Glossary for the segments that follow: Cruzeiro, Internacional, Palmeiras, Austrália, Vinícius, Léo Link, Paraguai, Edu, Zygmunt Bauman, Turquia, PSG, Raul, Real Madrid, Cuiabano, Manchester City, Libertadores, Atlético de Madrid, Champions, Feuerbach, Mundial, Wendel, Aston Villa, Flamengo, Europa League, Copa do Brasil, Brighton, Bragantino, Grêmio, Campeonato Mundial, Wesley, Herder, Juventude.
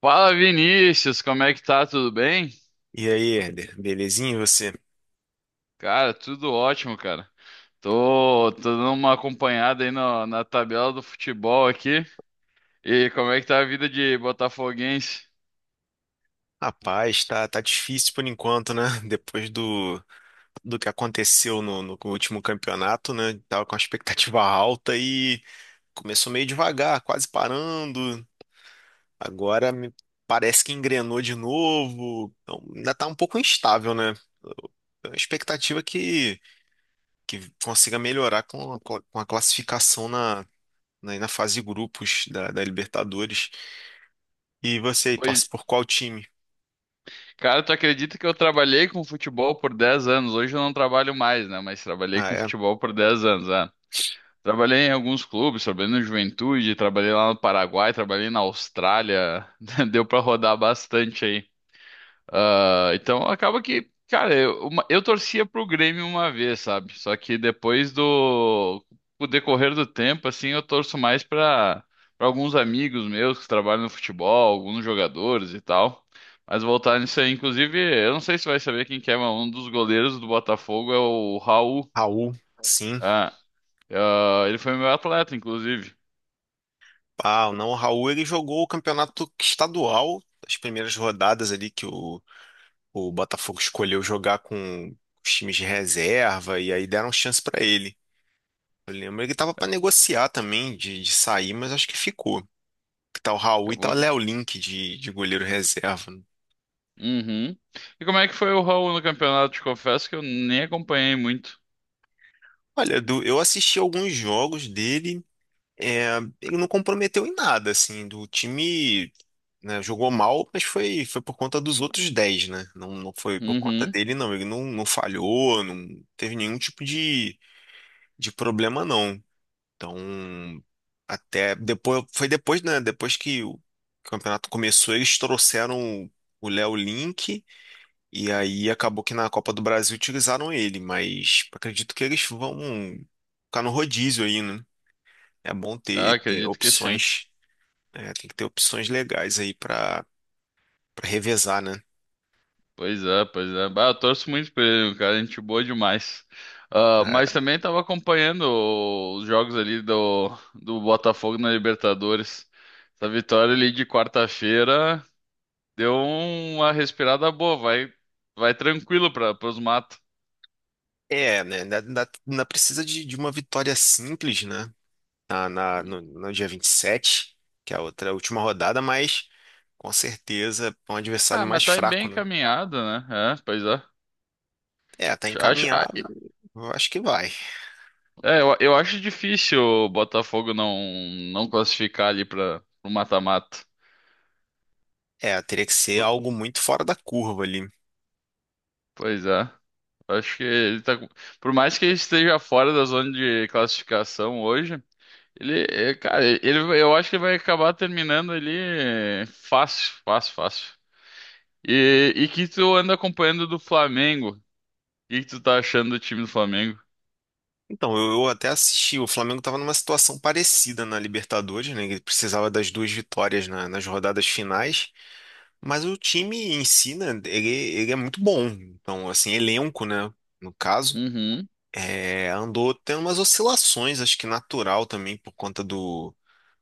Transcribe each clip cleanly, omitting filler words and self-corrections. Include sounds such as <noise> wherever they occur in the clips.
Fala, Vinícius, como é que tá? Tudo bem? E aí, Herder, belezinha e você? Cara, tudo ótimo, cara. Tô dando uma acompanhada aí no- na tabela do futebol aqui. E como é que tá a vida de botafoguense? Rapaz, tá difícil por enquanto, né? <laughs> Depois do, do que aconteceu no último campeonato, né? Tava com a expectativa <laughs> alta e começou meio devagar, quase parando. Agora me parece que engrenou de novo. Então, ainda tá um pouco instável, né? É uma expectativa que consiga melhorar com a, com a classificação na fase de grupos da Libertadores. E você aí, Pois, torce por qual time? cara, tu acredita que eu trabalhei com futebol por 10 anos? Hoje eu não trabalho mais, né? Mas trabalhei Ah, com é. futebol por 10 anos, né? Trabalhei em alguns clubes, trabalhei no Juventude, trabalhei lá no Paraguai, trabalhei na Austrália. <laughs> Deu pra rodar bastante. Ah, então acaba que, cara, eu torcia pro Grêmio uma vez, sabe? Só que depois do Com o decorrer do tempo, assim, eu torço mais pra Para alguns amigos meus que trabalham no futebol, alguns jogadores e tal. Mas voltar nisso aí, inclusive, eu não sei se vai saber quem que é, mas um dos goleiros do Botafogo é o Raul. Raul, sim. Ah, ah, ele foi meu atleta, inclusive. Ah, não, o Raul ele jogou o campeonato estadual, as primeiras rodadas ali que o Botafogo escolheu jogar com os times de reserva e aí deram chance pra ele. Eu lembro ele tava pra negociar também de sair, mas acho que ficou. Que tá o Raul e tá o Acabou. Léo Link de goleiro reserva. Uhum. E como é que foi o Raul no campeonato? Te confesso que eu nem acompanhei muito. Olha, Edu, eu assisti alguns jogos dele. É, ele não comprometeu em nada, assim, do time, né, jogou mal, mas foi por conta dos outros 10, né? Não, não foi por conta Uhum. dele, não. Ele não falhou, não teve nenhum tipo de problema, não. Então, até depois, foi depois, né? Depois que o campeonato começou, eles trouxeram o Léo Link e aí acabou que na Copa do Brasil utilizaram ele, mas acredito que eles vão ficar no rodízio aí, né? É bom Ah, ter acredito que sim. opções. É, tem que ter opções legais aí pra para revezar, né? Pois é. Bah, eu torço muito por ele, cara. Gente boa demais. Ah, mas também estava acompanhando os jogos do Botafogo na Libertadores. Essa vitória ali de quarta-feira deu uma respirada boa. Vai tranquilo para os matos. É, é, né? Ainda precisa de uma vitória simples, né? Na, na, no, no dia 27, que é a outra a última rodada, mas com certeza é um Ah, adversário mas mais tá bem fraco, né? encaminhado, né? É, pois é. É, tá Acho, ah, encaminhado, eu acho que vai. é, eu acho difícil o Botafogo não classificar ali para o mata-mata. É, teria que ser algo muito fora da curva ali. Pois é. Acho que ele tá. com- Por mais que ele esteja fora da zona de classificação hoje, ele, é, cara, ele, eu acho que ele vai acabar terminando ali, é, fácil, fácil, fácil. E que tu anda acompanhando do Flamengo? O que que tu tá achando do time do Flamengo? Então, eu até assisti, o Flamengo estava numa situação parecida na Libertadores, né? Ele precisava das duas vitórias nas rodadas finais. Mas o time em si, né, ele é muito bom. Então, assim, elenco, né, no caso, Uhum. é, andou tendo umas oscilações, acho que natural também, por conta do...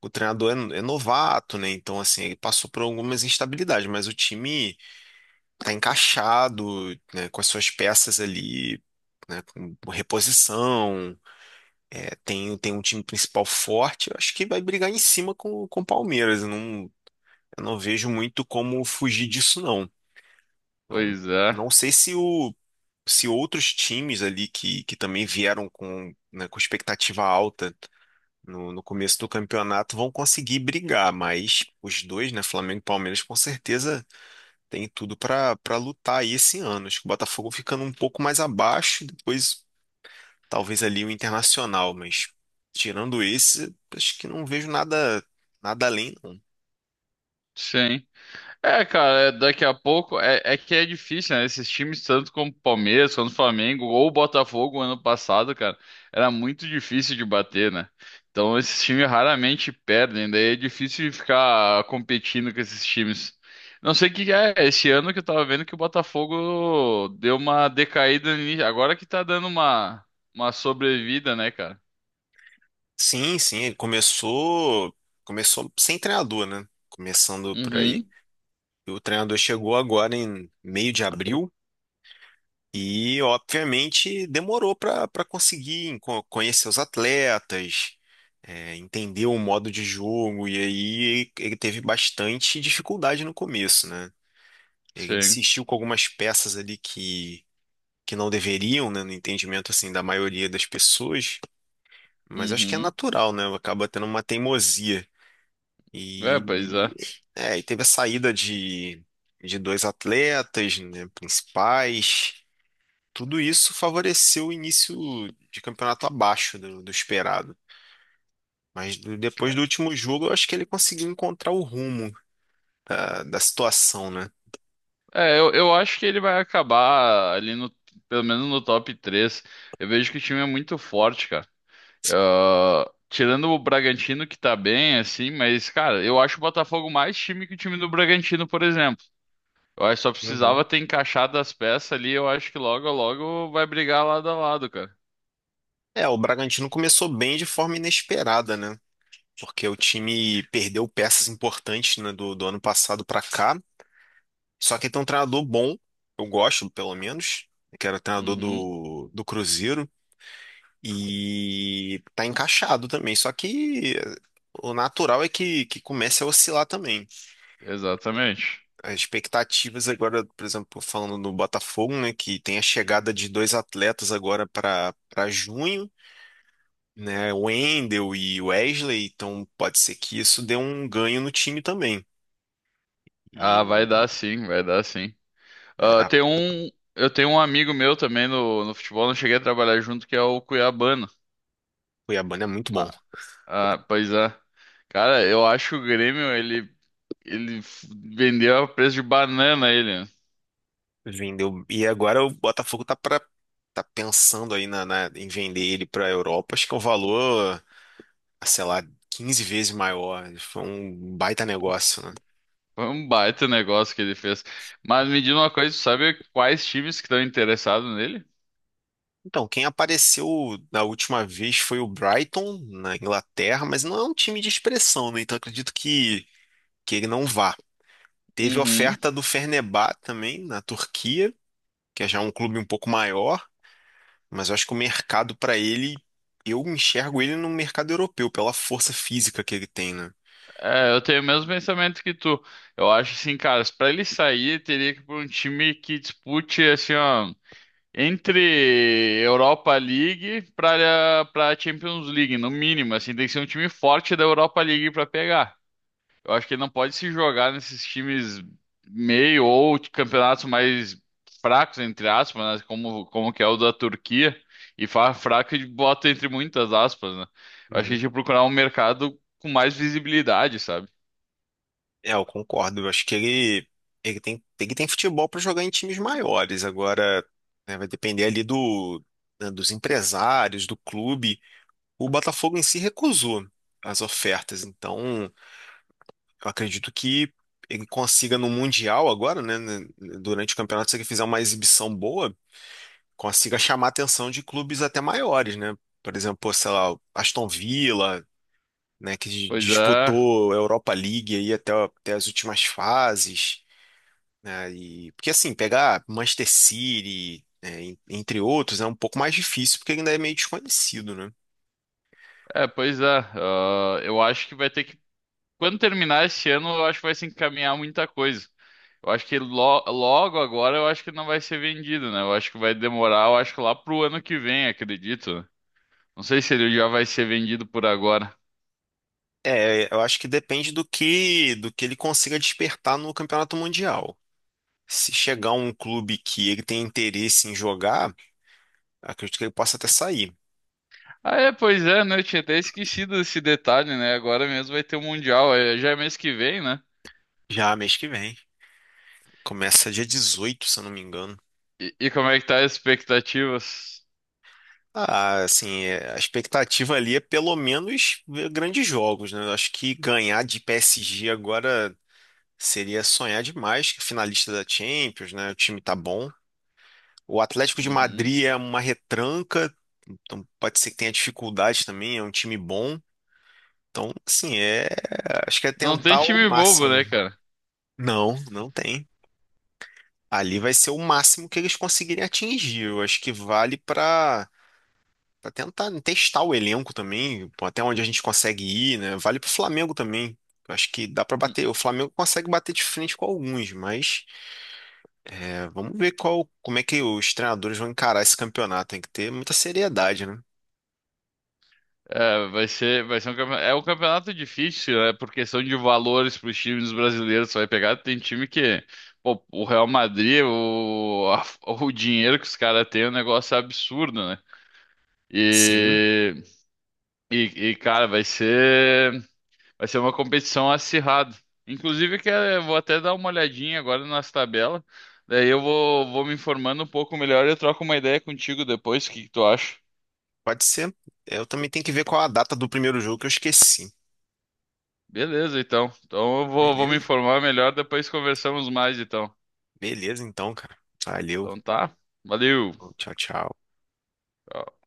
O treinador é, é novato, né, então, assim, ele passou por algumas instabilidades, mas o time tá encaixado, né, com as suas peças ali, né, com reposição, é, tem, tem um time principal forte, eu acho que vai brigar em cima com o Palmeiras, eu não... Eu não vejo muito como fugir disso, não. Então, Pois é. não sei se o se outros times ali que também vieram com, né, com expectativa alta no começo do campeonato vão conseguir brigar, mas os dois, né, Flamengo e Palmeiras, com certeza tem tudo para lutar aí esse ano. Acho que o Botafogo ficando um pouco mais abaixo, depois talvez ali o Internacional, mas tirando esse, acho que não vejo nada além, não. Sim. É, cara, é- daqui a pouco é, é que é difícil, né? Esses times, tanto como Palmeiras, quanto Flamengo ou o Botafogo ano passado, cara, era muito difícil de bater, né? Então esses times raramente perdem, daí é difícil de ficar competindo com esses times. Não sei o que é, esse ano que eu tava vendo que o Botafogo deu uma decaída, agora que tá dando uma sobrevida, né, cara? Sim, sim, ele começou sem treinador, né? Começando por aí. Uhum, O treinador chegou agora em meio de abril e, obviamente, demorou para conseguir conhecer os atletas, é, entender o modo de jogo, e aí ele teve bastante dificuldade no começo, né? Ele sim. insistiu com algumas peças ali que não deveriam, né, no entendimento assim da maioria das pessoas, mas acho que é Uhum. natural, né? Acaba tendo uma teimosia. É, pois E, é. e- é, e teve a saída de dois atletas, né, principais. Tudo isso favoreceu o início de campeonato abaixo do, do esperado. Mas depois do último jogo, eu acho que ele conseguiu encontrar o rumo da situação, né? Eu acho que ele vai acabar ali no, pelo menos no top 3. Eu vejo que o time é muito forte, cara. Ah, tirando o Bragantino, que tá bem, assim, mas, cara, eu acho o Botafogo mais time que o time do Bragantino, por exemplo. Eu acho que só Uhum. precisava ter encaixado as peças ali, eu acho que logo, logo vai brigar lado a lado, cara. É, o Bragantino começou bem de forma inesperada, né? Porque o time perdeu peças importantes, né, do ano passado para cá. Só que tem um treinador bom, eu gosto, pelo menos, que era o treinador Uhum, do Cruzeiro, e tá encaixado também. Só que o natural é que comece a oscilar também. exatamente. As expectativas agora, por exemplo, falando do Botafogo, né, que tem a chegada de dois atletas agora para junho, né, o Wendel e o Wesley, então pode ser que isso dê um ganho no time também. Ah, vai E dar sim, vai dar sim. né, Ah, a tem um, eu tenho um amigo meu também no futebol, não cheguei a trabalhar junto, que é o Cuiabano. Cuiabana é muito bom. Ah, pois é. Cara, eu acho que o Grêmio, ele f- vendeu a preço de banana ele, né? Vendeu. E agora o Botafogo tá pensando aí na, em vender ele para a Europa. Acho que é um valor, ah, sei lá, 15 vezes maior. Foi um baita negócio, né? Foi um baita negócio que ele fez. Mas me diz uma coisa, tu sabe quais times que estão interessados nele? Então, quem apareceu na última vez foi o Brighton, na Inglaterra, mas não é um time de expressão, né? Então acredito que ele não vá. Teve Uhum. oferta do Fenerbahçe também, na Turquia, que é já um clube um pouco maior, mas eu acho que o mercado para ele, eu enxergo ele no mercado europeu, pela força física que ele tem, né? É, eu tenho o mesmo pensamento que tu. Eu acho assim, cara, pra ele sair, teria que ir pra um time que dispute, assim, ó, entre Europa League pra Champions League, no mínimo, assim, tem que ser um time forte da Europa League pra pegar. Eu acho que ele não pode se jogar nesses times meio ou de campeonatos mais fracos, entre aspas, né? Como que é o da Turquia. E fala fraco e bota entre muitas aspas, né? Eu acho que a gente Uhum. tinha que procurar um mercado com mais visibilidade, sabe? É, eu concordo. Eu acho que ele, ele tem futebol para jogar em times maiores. Agora, né, vai depender ali do, né, dos empresários, do clube. O Botafogo em si recusou as ofertas, então eu acredito que ele consiga no Mundial agora, né, durante o campeonato, se ele fizer uma exibição boa, consiga chamar a atenção de clubes até maiores, né? Por exemplo, sei lá, o Aston Villa, né, que Pois é, disputou a Europa League aí até as últimas fases, né? E, porque assim, pegar Manchester City, né, entre outros, é um pouco mais difícil porque ele ainda é meio desconhecido, né? pois é. Ah, eu acho que vai ter que. Quando terminar esse ano, eu acho que vai se encaminhar muita coisa. Eu acho que logo agora eu acho que não vai ser vendido, né? Eu acho que vai demorar, eu acho que lá pro ano que vem, acredito, né? Não sei se ele já vai ser vendido por agora. É, eu acho que depende do que ele consiga despertar no Campeonato Mundial. Se chegar um clube que ele tem interesse em jogar, acredito que ele possa até sair. Ah, é, pois é, né? Eu tinha até esquecido desse detalhe, né? Agora mesmo vai ter o Mundial, é, já é mês que vem, né? Já mês que vem. Começa dia 18, se eu não me engano. E como é que tá as expectativas? Ah, assim, é, a expectativa ali é pelo menos ver grandes jogos, né? Eu acho que ganhar de PSG agora seria sonhar demais, que finalista da Champions, né? O time tá bom. O Atlético de Uhum. Madrid é uma retranca, então pode ser que tenha dificuldade também, é um time bom. Então, assim, é, acho que é Não tem tentar o time bobo, máximo. né, cara? Não, não tem. Ali vai ser o máximo que eles conseguirem atingir. Eu acho que vale para tentar testar o elenco também, pô, até onde a gente consegue ir, né? Vale para o Flamengo também. Eu acho que dá para Hum, bater. O Flamengo consegue bater de frente com alguns, mas é, vamos ver qual, como é que os treinadores vão encarar esse campeonato. Tem que ter muita seriedade, né? É, vai ser um campeonato, é um campeonato difícil, né? Por questão de valores para os times brasileiros, você vai pegar, tem time que, pô, o Real Madrid, o dinheiro que os caras têm é um negócio absurdo, né? Sim. E, e, e, cara, vai ser. Vai ser uma competição acirrada. Inclusive, vou até dar uma olhadinha agora nas tabelas. Daí vou me informando um pouco melhor e eu troco uma ideia contigo depois. O que que tu acha? Pode ser. Eu também tenho que ver qual a data do primeiro jogo que eu esqueci. Beleza, então. Então vou me Beleza? informar melhor, depois conversamos mais, então. Beleza, então, cara. Valeu. Então tá. Valeu. Tchau, tchau. Tchau.